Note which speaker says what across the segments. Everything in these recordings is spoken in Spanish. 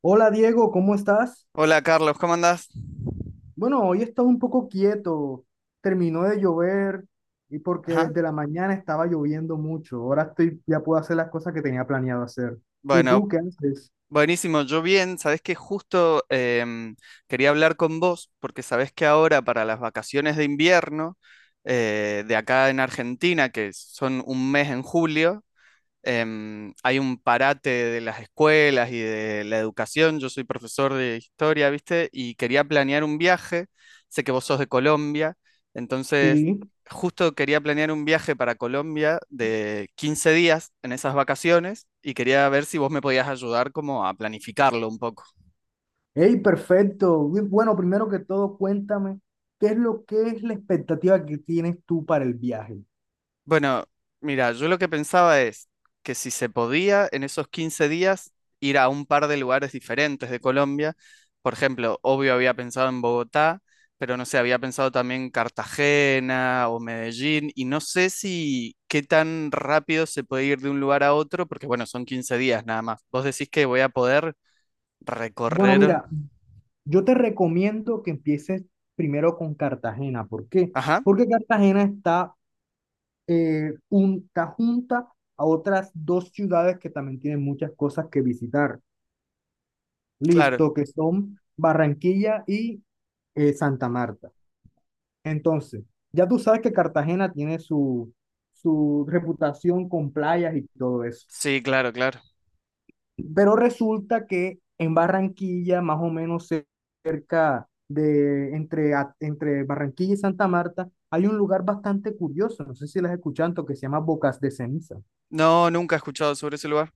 Speaker 1: Hola Diego, ¿cómo estás?
Speaker 2: Hola Carlos, ¿cómo andás?
Speaker 1: Bueno, hoy he estado un poco quieto. Terminó de llover y porque
Speaker 2: Ajá.
Speaker 1: desde la mañana estaba lloviendo mucho. Ahora estoy, ya puedo hacer las cosas que tenía planeado hacer. ¿Y
Speaker 2: Bueno,
Speaker 1: tú qué haces?
Speaker 2: buenísimo, yo bien, sabés que justo quería hablar con vos porque sabés que ahora para las vacaciones de invierno de acá en Argentina, que son un mes en julio, hay un parate de las escuelas y de la educación. Yo soy profesor de historia, ¿viste? Y quería planear un viaje. Sé que vos sos de Colombia, entonces
Speaker 1: Sí.
Speaker 2: justo quería planear un viaje para Colombia de 15 días en esas vacaciones y quería ver si vos me podías ayudar como a planificarlo un poco.
Speaker 1: Hey, perfecto. Uy, bueno, primero que todo, cuéntame, ¿qué es lo que es la expectativa que tienes tú para el viaje?
Speaker 2: Bueno, mira, yo lo que pensaba es que si se podía en esos 15 días ir a un par de lugares diferentes de Colombia, por ejemplo, obvio había pensado en Bogotá, pero no sé, había pensado también Cartagena o Medellín, y no sé si qué tan rápido se puede ir de un lugar a otro, porque bueno, son 15 días nada más. Vos decís que voy a poder
Speaker 1: Bueno,
Speaker 2: recorrer.
Speaker 1: mira, yo te recomiendo que empieces primero con Cartagena. ¿Por qué?
Speaker 2: Ajá,
Speaker 1: Porque Cartagena está junta a otras dos ciudades que también tienen muchas cosas que visitar.
Speaker 2: claro.
Speaker 1: Listo, que son Barranquilla y Santa Marta. Entonces, ya tú sabes que Cartagena tiene su reputación con playas y todo eso.
Speaker 2: Sí, claro, claro.
Speaker 1: Pero resulta que en Barranquilla, más o menos cerca de entre Barranquilla y Santa Marta, hay un lugar bastante curioso, no sé si lo has escuchado, que se llama Bocas de Ceniza.
Speaker 2: No, nunca he escuchado sobre ese lugar.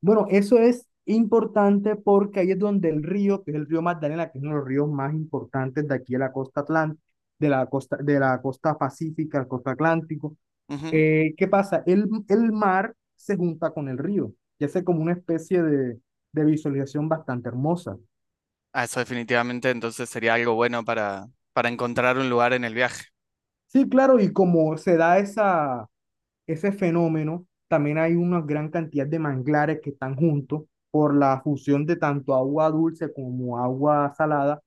Speaker 1: Bueno, eso es importante porque ahí es donde el río, que es el río Magdalena, que es uno de los ríos más importantes de aquí de la costa atlántica, de la costa pacífica, la costa atlántico. ¿Qué pasa? El mar se junta con el río y hace como una especie de visualización bastante hermosa.
Speaker 2: Ah, eso definitivamente entonces sería algo bueno para encontrar un lugar en el viaje.
Speaker 1: Sí, claro, y como se da ese fenómeno, también hay una gran cantidad de manglares que están juntos por la fusión de tanto agua dulce como agua salada,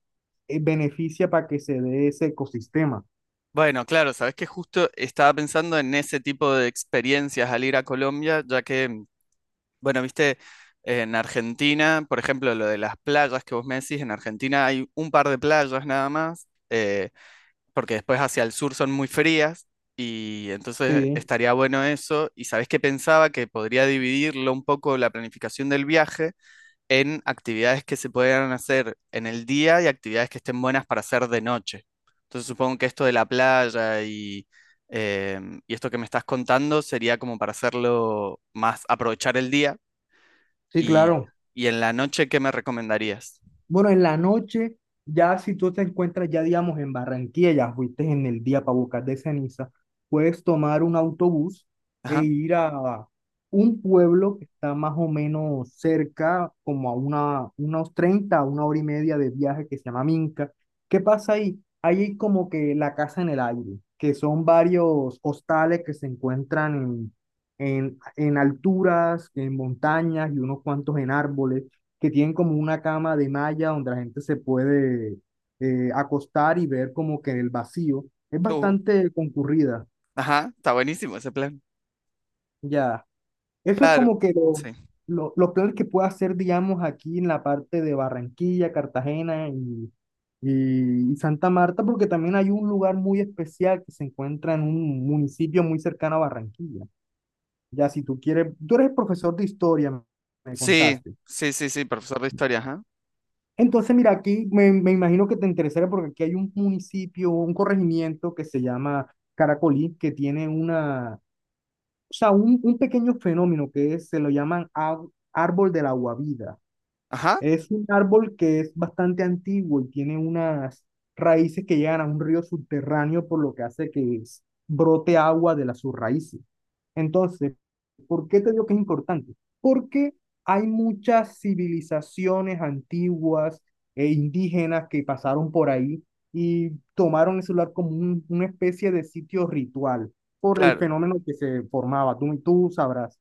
Speaker 1: beneficia para que se dé ese ecosistema.
Speaker 2: Bueno, claro, sabes que justo estaba pensando en ese tipo de experiencias al ir a Colombia, ya que, bueno, viste, en Argentina, por ejemplo, lo de las playas que vos me decís, en Argentina hay un par de playas nada más, porque después hacia el sur son muy frías, y entonces
Speaker 1: Sí,
Speaker 2: estaría bueno eso. Y sabes que pensaba que podría dividirlo un poco la planificación del viaje en actividades que se puedan hacer en el día y actividades que estén buenas para hacer de noche. Entonces supongo que esto de la playa eh, y esto que me estás contando sería como para hacerlo más, aprovechar el día
Speaker 1: sí,
Speaker 2: y,
Speaker 1: claro.
Speaker 2: y en la noche, ¿qué me recomendarías?
Speaker 1: Bueno, en la noche, ya si tú te encuentras ya, digamos, en Barranquilla, ya fuiste en el día para buscar de Ceniza, puedes tomar un autobús e
Speaker 2: Ajá,
Speaker 1: ir a un pueblo que está más o menos cerca, como a unos 30 una hora y media de viaje que se llama Minca. ¿Qué pasa ahí? Ahí hay como que la casa en el aire, que son varios hostales que se encuentran en alturas, en montañas y unos cuantos en árboles que tienen como una cama de malla donde la gente se puede acostar y ver como que el vacío. Es
Speaker 2: uh,
Speaker 1: bastante concurrida,
Speaker 2: ajá, está buenísimo ese plan.
Speaker 1: ya. Eso es
Speaker 2: Claro,
Speaker 1: como que
Speaker 2: sí.
Speaker 1: los planes que puedo hacer, digamos, aquí en la parte de Barranquilla, Cartagena y Santa Marta, porque también hay un lugar muy especial que se encuentra en un municipio muy cercano a Barranquilla. Ya, si tú quieres, tú eres profesor de historia, me
Speaker 2: Sí,
Speaker 1: contaste.
Speaker 2: sí, sí, sí, profesor de historia, ajá.
Speaker 1: Entonces, mira, aquí me imagino que te interesaría porque aquí hay un municipio, un corregimiento que se llama Caracolí, que tiene una, o sea, un pequeño fenómeno se lo llaman árbol del aguavida.
Speaker 2: Ajá,
Speaker 1: Es un árbol que es bastante antiguo y tiene unas raíces que llegan a un río subterráneo, por lo que hace que brote agua de las sus raíces. Entonces, ¿por qué te digo que es importante? Porque hay muchas civilizaciones antiguas e indígenas que pasaron por ahí y tomaron ese lugar como una especie de sitio ritual por el
Speaker 2: claro.
Speaker 1: fenómeno que se formaba. Tú sabrás.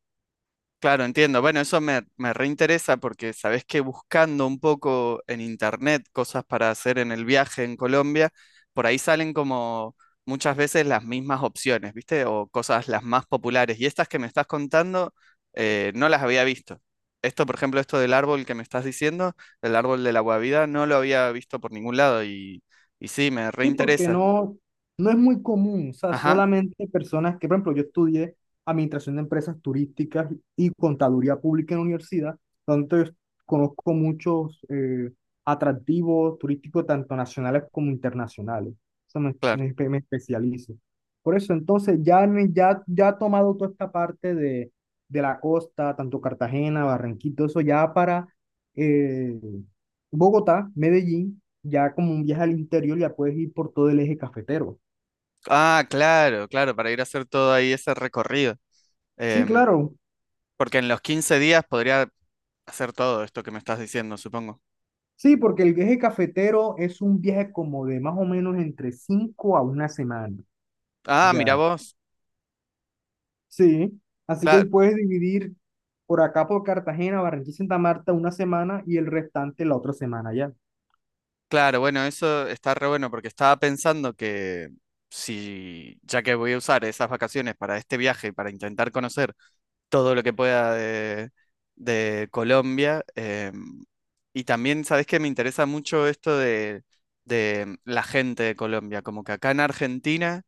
Speaker 2: Claro, entiendo. Bueno, eso me, me reinteresa porque sabés que buscando un poco en internet cosas para hacer en el viaje en Colombia, por ahí salen como muchas veces las mismas opciones, ¿viste? O cosas las más populares. Y estas que me estás contando, no las había visto. Esto, por ejemplo, esto del árbol que me estás diciendo, el árbol de la guavida, no lo había visto por ningún lado y sí, me
Speaker 1: Sí, porque
Speaker 2: reinteresa.
Speaker 1: no, no es muy común, o sea,
Speaker 2: Ajá,
Speaker 1: solamente personas que, por ejemplo, yo estudié administración de empresas turísticas y contaduría pública en la universidad, donde yo conozco muchos atractivos turísticos, tanto nacionales como internacionales. O sea,
Speaker 2: claro.
Speaker 1: me especializo. Por eso, entonces, ya he tomado toda esta parte de la costa, tanto Cartagena, Barranquito, eso ya para eh, Bogotá, Medellín ya como un viaje al interior ya puedes ir por todo el eje cafetero.
Speaker 2: Ah, claro, claro, para ir a hacer todo ahí ese recorrido.
Speaker 1: Sí,
Speaker 2: Em,
Speaker 1: claro.
Speaker 2: Porque en los 15 días podría hacer todo esto que me estás diciendo, supongo.
Speaker 1: Sí, porque el eje cafetero es un viaje como de más o menos entre 5 a una semana.
Speaker 2: Ah, mira
Speaker 1: Ya.
Speaker 2: vos.
Speaker 1: Sí. Así que ahí
Speaker 2: Cla-
Speaker 1: puedes dividir por acá por Cartagena, Barranquilla y Santa Marta una semana y el restante la otra semana ya.
Speaker 2: claro, bueno, eso está re bueno porque estaba pensando que si, ya que voy a usar esas vacaciones para este viaje, para intentar conocer todo lo que pueda de Colombia, y también, ¿sabés que me interesa mucho esto de la gente de Colombia? Como que acá en Argentina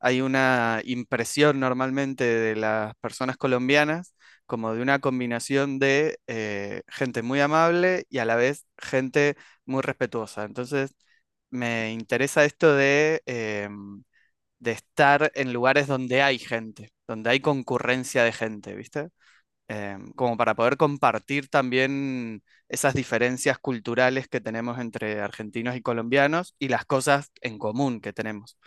Speaker 2: hay una impresión normalmente de las personas colombianas como de una combinación de gente muy amable y a la vez gente muy respetuosa. Entonces, me interesa esto de estar en lugares donde hay gente, donde hay concurrencia de gente, ¿viste? Como para poder compartir también esas diferencias culturales que tenemos entre argentinos y colombianos y las cosas en común que tenemos.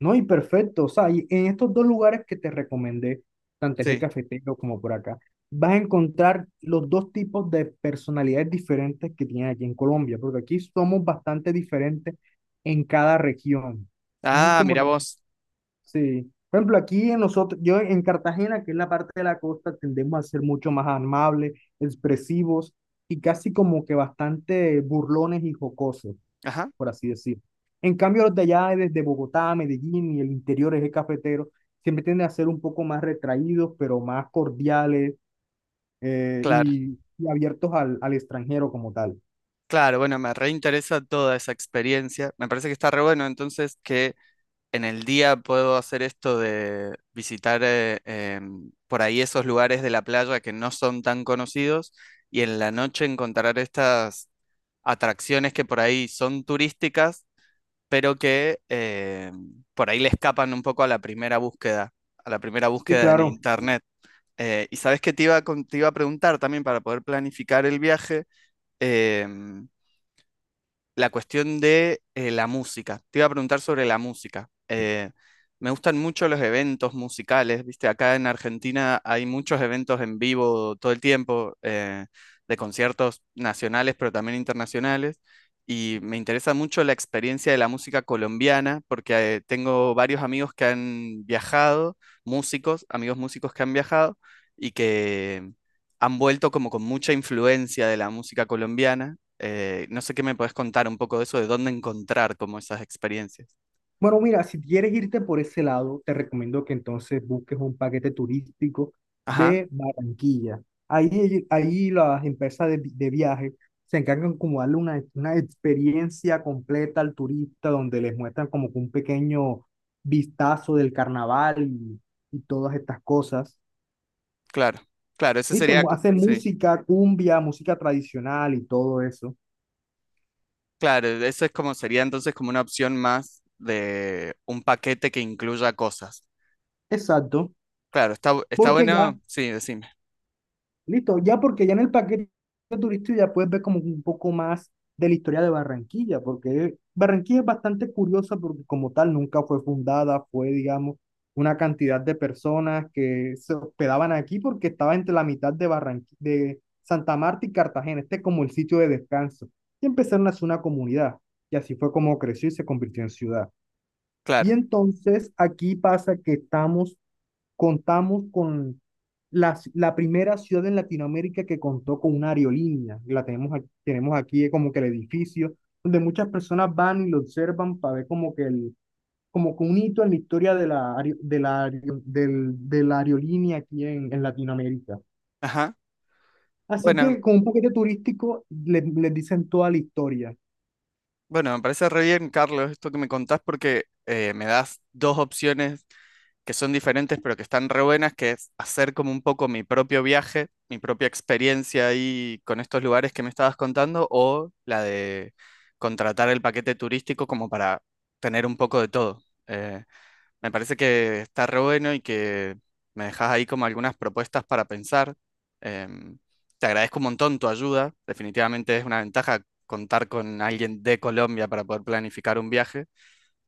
Speaker 1: No, y perfecto. O sea, y en estos dos lugares que te recomendé, tanto el eje
Speaker 2: Sí.
Speaker 1: cafetero como por acá, vas a encontrar los dos tipos de personalidades diferentes que tienen aquí en Colombia, porque aquí somos bastante diferentes en cada región.
Speaker 2: Ah,
Speaker 1: Como,
Speaker 2: mira vos.
Speaker 1: sí. Por ejemplo, aquí en nosotros, yo en Cartagena, que es la parte de la costa, tendemos a ser mucho más amables, expresivos y casi como que bastante burlones y jocosos
Speaker 2: Ajá,
Speaker 1: por así decir. En cambio, los de allá, desde Bogotá, Medellín y el interior eje cafetero, siempre tienden a ser un poco más retraídos, pero más cordiales
Speaker 2: claro,
Speaker 1: y abiertos al extranjero como tal.
Speaker 2: claro, bueno, me reinteresa toda esa experiencia. Me parece que está re bueno entonces que en el día puedo hacer esto de visitar por ahí esos lugares de la playa que no son tan conocidos y en la noche encontrar estas atracciones que por ahí son turísticas, pero que por ahí le escapan un poco a la primera búsqueda, a la primera
Speaker 1: Sí,
Speaker 2: búsqueda en
Speaker 1: claro.
Speaker 2: internet. Y sabes que te iba, te iba a preguntar también para poder planificar el viaje. em, la cuestión de la música. Te iba a preguntar sobre la música. Me gustan mucho los eventos musicales, ¿viste? Acá en Argentina hay muchos eventos en vivo todo el tiempo, de conciertos nacionales, pero también internacionales. Y me interesa mucho la experiencia de la música colombiana, porque tengo varios amigos que han viajado, músicos, amigos músicos que han viajado y que han vuelto como con mucha influencia de la música colombiana no sé qué me puedes contar un poco de eso, de dónde encontrar como esas experiencias.
Speaker 1: Bueno, mira, si quieres irte por ese lado, te recomiendo que entonces busques un paquete turístico
Speaker 2: Ajá,
Speaker 1: de Barranquilla. Ahí las empresas de viaje se encargan como darle una experiencia completa al turista, donde les muestran como que un pequeño vistazo del carnaval y todas estas cosas.
Speaker 2: claro, claro,
Speaker 1: Listo, hacen
Speaker 2: sí,
Speaker 1: música, cumbia, música tradicional y todo eso.
Speaker 2: claro, eso es como sería entonces como una opción más de un paquete que incluya cosas.
Speaker 1: Exacto,
Speaker 2: Claro, está
Speaker 1: porque ya.
Speaker 2: bueno, sí, decime,
Speaker 1: Listo, ya, porque ya en el paquete turístico ya puedes ver como un poco más de la historia de Barranquilla, porque Barranquilla es bastante curiosa porque como tal nunca fue fundada, fue, digamos, una cantidad de personas que se hospedaban aquí porque estaba entre la mitad de Barranquilla, de Santa Marta y Cartagena, este es como el sitio de descanso, y empezaron a hacer una comunidad, y así fue como creció y se convirtió en ciudad. Y
Speaker 2: claro,
Speaker 1: entonces aquí pasa que estamos contamos con la primera ciudad en Latinoamérica que contó con una aerolínea. La tenemos aquí como que el edificio donde muchas personas van y lo observan para ver como que como que un hito en la historia de de la aerolínea aquí en Latinoamérica.
Speaker 2: ajá.
Speaker 1: Así
Speaker 2: Bueno,
Speaker 1: que con un paquete turístico les dicen toda la historia.
Speaker 2: bueno, me parece re bien, Carlos, esto que me contás porque me das dos opciones que son diferentes, pero que están re buenas, que es hacer como un poco mi propio viaje, mi propia experiencia ahí con estos lugares que me estabas contando, o la de contratar el paquete turístico como para tener un poco de todo. Me parece que está re bueno y que me dejas ahí como algunas propuestas para pensar. Em, te agradezco un montón tu ayuda, definitivamente es una ventaja contar con alguien de Colombia para poder planificar un viaje.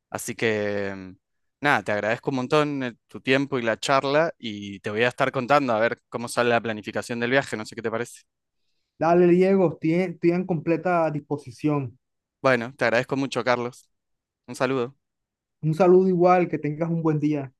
Speaker 2: Así que, nada, te agradezco un montón tu tiempo y la charla y te voy a estar contando a ver cómo sale la planificación del viaje, no sé qué te parece.
Speaker 1: Dale, Diego, estoy en completa disposición.
Speaker 2: Bueno, te agradezco mucho, Carlos. Un saludo.
Speaker 1: Un saludo igual, que tengas un buen día.